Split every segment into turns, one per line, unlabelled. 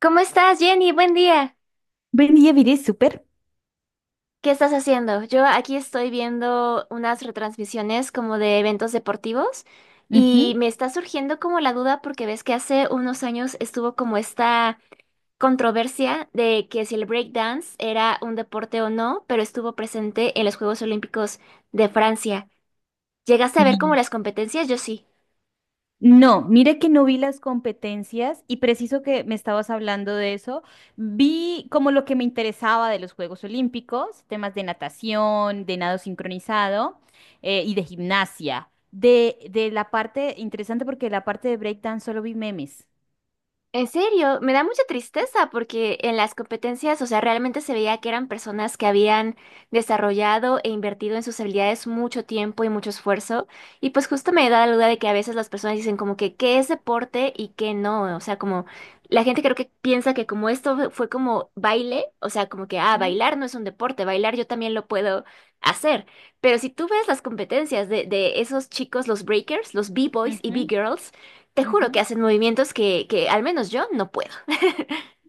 ¿Cómo estás, Jenny? Buen día.
Vendía Viré Super.
¿Qué estás haciendo? Yo aquí estoy viendo unas retransmisiones como de eventos deportivos y
Ujú.
me está surgiendo como la duda porque ves que hace unos años estuvo como esta controversia de que si el breakdance era un deporte o no, pero estuvo presente en los Juegos Olímpicos de Francia. ¿Llegaste a ver como
Sí.
las competencias? Yo sí.
No, mira que no vi las competencias y preciso que me estabas hablando de eso, vi como lo que me interesaba de los Juegos Olímpicos, temas de natación, de nado sincronizado y de gimnasia. De la parte interesante porque la parte de breakdance solo vi memes.
En serio, me da mucha tristeza porque en las competencias, o sea, realmente se veía que eran personas que habían desarrollado e invertido en sus habilidades mucho tiempo y mucho esfuerzo. Y pues justo me da la duda de que a veces las personas dicen como que qué es deporte y qué no. O sea, como la gente creo que piensa que como esto fue como baile, o sea, como que, ah,
Ujú,
bailar no es un deporte, bailar yo también lo puedo hacer. Pero si tú ves las competencias de esos chicos, los breakers, los B-boys y
ujú,
B-girls, te
ujú.
juro que hacen movimientos que al menos yo no puedo.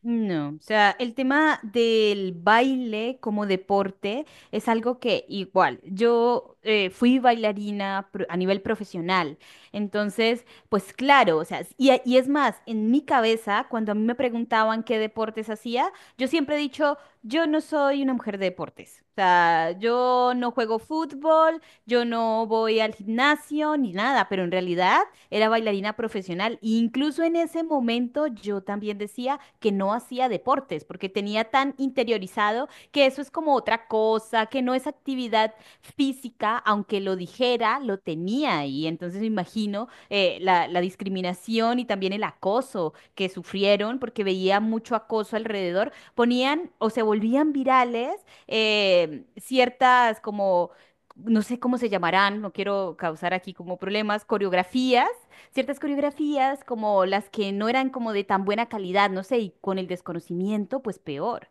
No, o sea, el tema del baile como deporte es algo que igual, yo fui bailarina a nivel profesional, entonces, pues claro, o sea, y, y es más, en mi cabeza, cuando a mí me preguntaban qué deportes hacía, yo siempre he dicho, yo no soy una mujer de deportes, o sea, yo no juego fútbol, yo no voy al gimnasio ni nada, pero en realidad era bailarina profesional. E incluso en ese momento yo también decía que no hacía deportes porque tenía tan interiorizado que eso es como otra cosa, que no es actividad física, aunque lo dijera, lo tenía ahí. Entonces me imagino la discriminación y también el acoso que sufrieron porque veía mucho acoso alrededor, ponían o se volvían virales ciertas como no sé cómo se llamarán, no quiero causar aquí como problemas, coreografías, ciertas coreografías como las que no eran como de tan buena calidad, no sé, y con el desconocimiento, pues peor.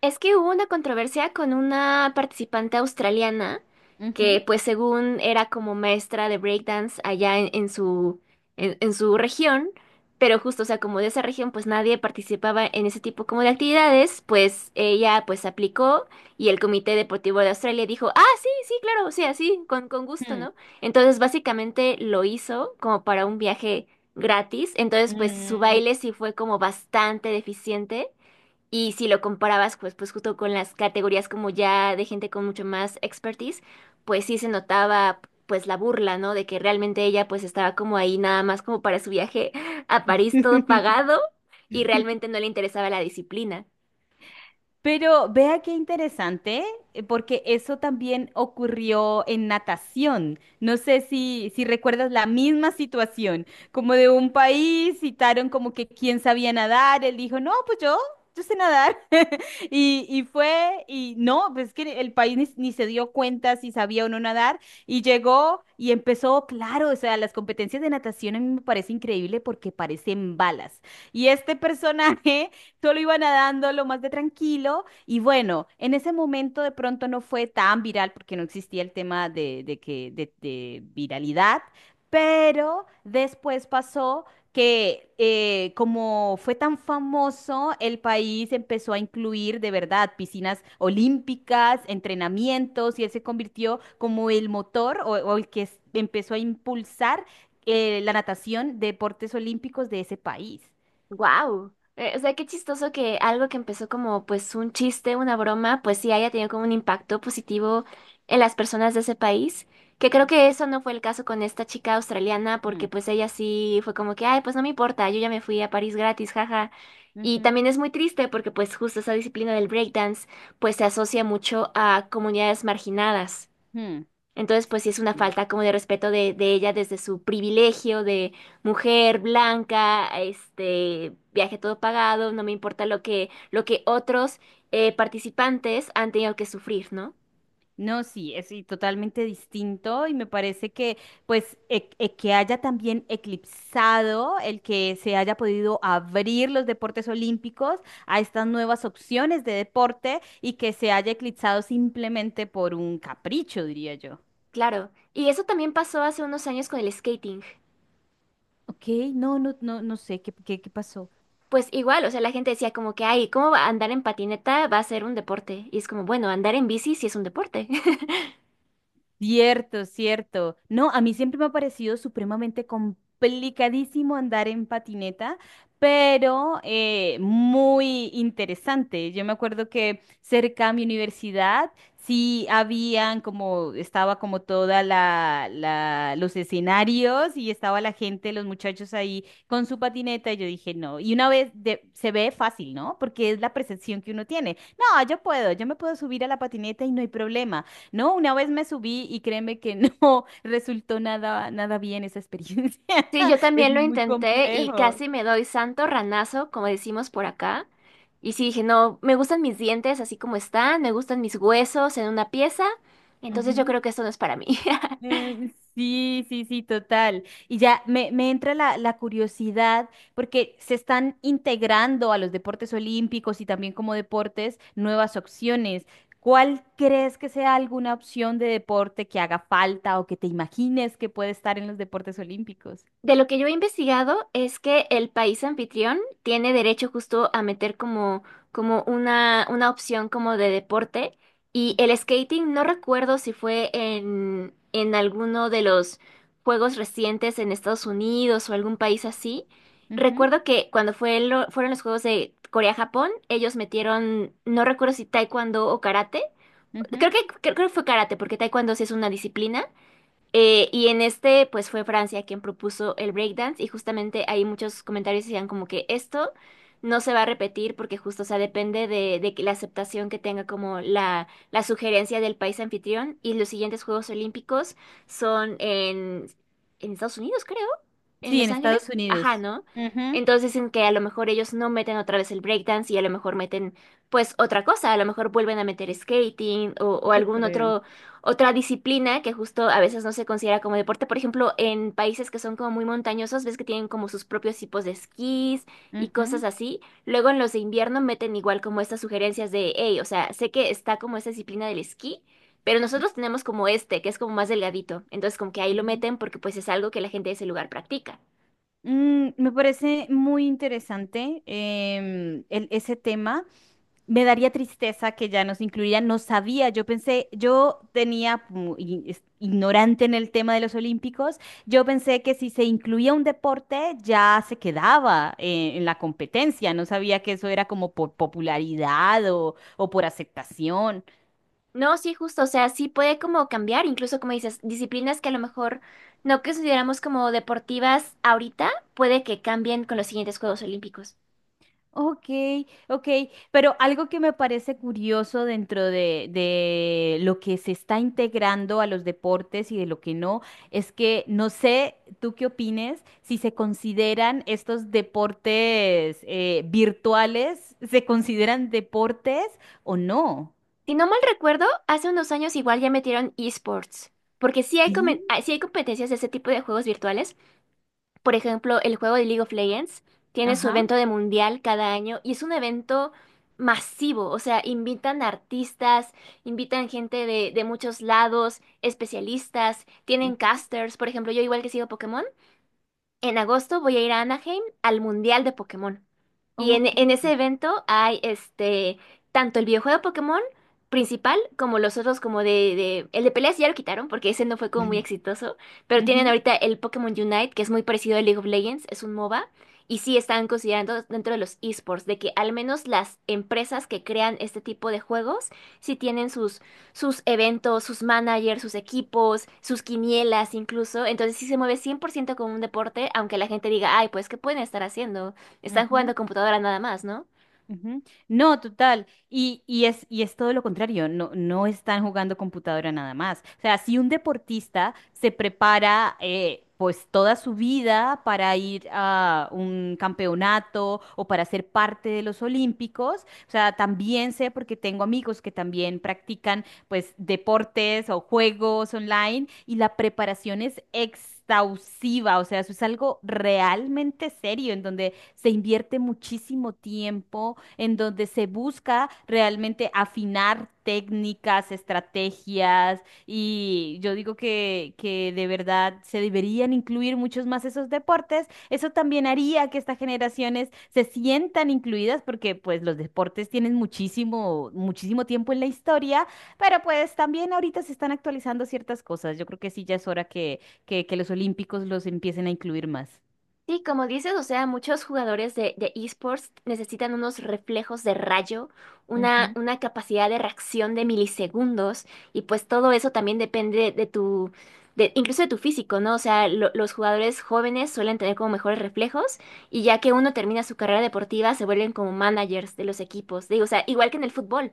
Es que hubo una controversia con una participante australiana que
Ujú.
pues según era como maestra de breakdance allá en su, en su región, pero justo, o sea, como de esa región pues nadie participaba en ese tipo como de actividades, pues ella pues aplicó y el Comité Deportivo de Australia dijo, ah, sí, sí, claro, o sea, sí, con gusto,
Mm.
¿no? Entonces básicamente lo hizo como para un viaje gratis, entonces pues su
Mm.
baile sí fue como bastante deficiente. Y si lo comparabas, pues, pues justo con las categorías como ya de gente con mucho más expertise, pues sí se notaba pues la burla, ¿no? De que realmente ella pues estaba como ahí nada más como para su viaje a París todo pagado y realmente no le interesaba la disciplina.
Pero vea qué interesante, porque eso también ocurrió en natación. No sé si recuerdas la misma situación, como de un país, citaron como que quién sabía nadar, él dijo, no, pues yo sé nadar. Y no, pues es que el país ni se dio cuenta si sabía o no nadar, y llegó y empezó, claro, o sea, las competencias de natación a mí me parece increíble porque parecen balas. Y este personaje. Solo iba nadando lo más de tranquilo y bueno, en ese momento de pronto no fue tan viral porque no existía el tema de viralidad, pero después pasó que como fue tan famoso, el país empezó a incluir de verdad piscinas olímpicas, entrenamientos y él se convirtió como el motor o el que empezó a impulsar la natación, deportes olímpicos de ese país.
Wow. O sea, qué chistoso que algo que empezó como pues un chiste, una broma, pues sí haya tenido como un impacto positivo en las personas de ese país, que creo que eso no fue el caso con esta chica australiana, porque
Mm,
pues ella sí fue como que, ay, pues no me importa, yo ya me fui a París gratis, jaja. Y
ujú,
también es muy triste porque pues justo esa disciplina del breakdance pues se asocia mucho a comunidades marginadas.
mm.
Entonces, pues sí es una falta como de respeto de ella desde su privilegio de mujer blanca, este, viaje todo pagado, no me importa lo que otros participantes han tenido que sufrir, ¿no?
No, sí, es sí, totalmente distinto y me parece que pues que haya también eclipsado el que se haya podido abrir los deportes olímpicos a estas nuevas opciones de deporte y que se haya eclipsado simplemente por un capricho, diría yo.
Claro. Y eso también pasó hace unos años con el skating.
Ok, no, no, no, no sé qué pasó.
Pues igual, o sea, la gente decía como que, ay, ¿cómo va a andar en patineta va a ser un deporte? Y es como, bueno, andar en bici sí es un deporte.
Cierto, cierto. No, a mí siempre me ha parecido supremamente complicadísimo andar en patineta, pero muy interesante. Yo me acuerdo que cerca a mi universidad sí habían como, estaba como toda los escenarios y estaba la gente, los muchachos ahí con su patineta y yo dije, no. Y una vez se ve fácil, ¿no? Porque es la percepción que uno tiene. No, yo puedo, yo me puedo subir a la patineta y no hay problema. No, una vez me subí y créeme que no resultó nada bien esa experiencia.
Sí, yo
Es
también lo
muy
intenté y
complejo.
casi me doy santo ranazo, como decimos por acá. Y sí dije, no, me gustan mis dientes así como están, me gustan mis huesos en una pieza, entonces yo
Ujú.
creo que esto no es para mí.
Sí, sí, sí, total. Y ya me entra la curiosidad porque se están integrando a los deportes olímpicos y también como deportes nuevas opciones. ¿Cuál crees que sea alguna opción de deporte que haga falta o que te imagines que puede estar en los deportes olímpicos?
De lo que yo he investigado es que el país anfitrión tiene derecho justo a meter como, como una opción como de deporte y el skating no recuerdo si fue en alguno de los juegos recientes en Estados Unidos o algún país así.
Ujú,
Recuerdo que cuando fue fueron los juegos de Corea-Japón, ellos metieron, no recuerdo si taekwondo o karate.
ujú.
Creo que fue karate porque taekwondo sí es una disciplina y en este, pues fue Francia quien propuso el breakdance y justamente ahí muchos comentarios decían como que esto no se va a repetir porque justo, o sea, depende de que la aceptación que tenga como la sugerencia del país anfitrión y los siguientes Juegos Olímpicos son en Estados Unidos, creo, en
Sí,
Los
en Estados
Ángeles, ajá,
Unidos.
¿no? Entonces dicen que a lo mejor ellos no meten otra vez el breakdance y a lo mejor meten pues otra cosa, a lo mejor vuelven a meter skating o
Yo
algún
creo.
otro otra disciplina que justo a veces no se considera como deporte. Por ejemplo, en países que son como muy montañosos, ves que tienen como sus propios tipos de esquís y cosas
Ujú,
así. Luego en los de invierno meten igual como estas sugerencias de, hey, o sea, sé que está como esta disciplina del esquí, pero nosotros tenemos como este, que es como más delgadito. Entonces como que ahí lo
ujú.
meten porque pues es algo que la gente de ese lugar practica.
Mm, me parece muy interesante ese tema. Me daría tristeza que ya nos incluyeran. No sabía, yo pensé, yo tenía, como ignorante en el tema de los olímpicos, yo pensé que si se incluía un deporte ya se quedaba en la competencia. No sabía que eso era como por popularidad o por aceptación.
No, sí, justo, o sea, sí puede como cambiar, incluso como dices, disciplinas que a lo mejor no consideramos como deportivas ahorita, puede que cambien con los siguientes Juegos Olímpicos.
Ok, ok, pero algo que me parece curioso dentro de lo que se está integrando a los deportes y de lo que no, es que no sé, tú qué opines, si se consideran estos deportes virtuales, ¿se consideran deportes o no?
Si no mal recuerdo, hace unos años igual ya metieron esports, porque sí hay,
Sí.
ah, sí hay competencias de ese tipo de juegos virtuales. Por ejemplo, el juego de League of Legends tiene su
Ajá.
evento de mundial cada año y es un evento masivo, o sea, invitan artistas, invitan gente de muchos lados, especialistas, tienen
Ujú.
casters, por ejemplo, yo igual que sigo Pokémon. En agosto voy a ir a Anaheim al Mundial de Pokémon. Y en,
Ok.
en ese evento hay este tanto el videojuego de Pokémon principal como los otros como de, el de peleas ya lo quitaron porque ese no fue como muy exitoso. Pero tienen
Ujú,
ahorita el Pokémon Unite, que es muy parecido al League of Legends, es un MOBA. Y sí están considerando dentro de los esports de que al menos las empresas que crean este tipo de juegos sí tienen sus eventos, sus managers, sus equipos, sus quinielas incluso. Entonces sí se mueve 100% como un deporte, aunque la gente diga, ay, pues, ¿qué pueden estar haciendo? Están jugando
ujú.
computadora nada más, ¿no?
Ujú. No, total. Y es todo lo contrario, no, no están jugando computadora nada más. O sea, si un deportista se prepara pues toda su vida para ir a un campeonato o para ser parte de los Olímpicos, o sea, también sé porque tengo amigos que también practican pues deportes o juegos online y la preparación es exhaustiva, o sea, eso es algo realmente serio en donde se invierte muchísimo tiempo en donde se busca realmente afinar técnicas, estrategias y yo digo que de verdad se deberían incluir muchos más esos deportes. Eso también haría que estas generaciones se sientan incluidas porque pues los deportes tienen muchísimo, muchísimo tiempo en la historia, pero pues también ahorita se están actualizando ciertas cosas. Yo creo que sí ya es hora que los olímpicos los empiecen a incluir más.
Sí, como dices, o sea, muchos jugadores de esports necesitan unos reflejos de rayo,
Ujú,
una capacidad de reacción de milisegundos, y pues todo eso también depende de tu, de, incluso de tu físico, ¿no? O sea, los jugadores jóvenes suelen tener como mejores reflejos, y ya que uno termina su carrera deportiva, se vuelven como managers de los equipos. Digo, o sea, igual que en el fútbol.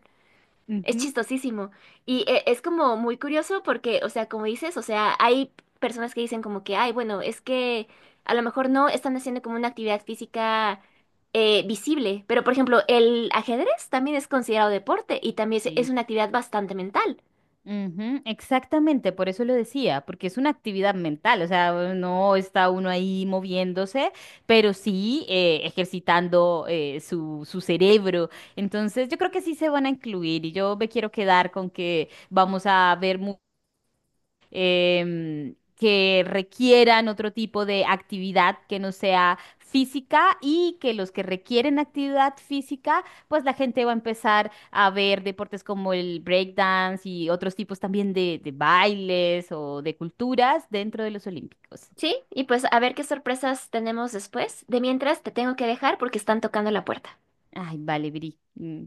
Es
ujú.
chistosísimo. Y es como muy curioso porque, o sea, como dices, o sea, hay personas que dicen como que, ay, bueno, es que a lo mejor no están haciendo como una actividad física visible. Pero, por ejemplo, el ajedrez también es considerado deporte y también es
Sí.
una actividad bastante mental.
Ujú, exactamente, por eso lo decía, porque es una actividad mental, o sea, no está uno ahí moviéndose, pero sí ejercitando su cerebro. Entonces, yo creo que sí se van a incluir y yo me quiero quedar con que vamos a ver que requieran otro tipo de actividad que no sea física y que los que requieren actividad física, pues la gente va a empezar a ver deportes como el breakdance y otros tipos también de bailes o de culturas dentro de los olímpicos.
Sí, y pues a ver qué sorpresas tenemos después. De mientras, te tengo que dejar porque están tocando la puerta.
Ay, vale, Viri. Mm.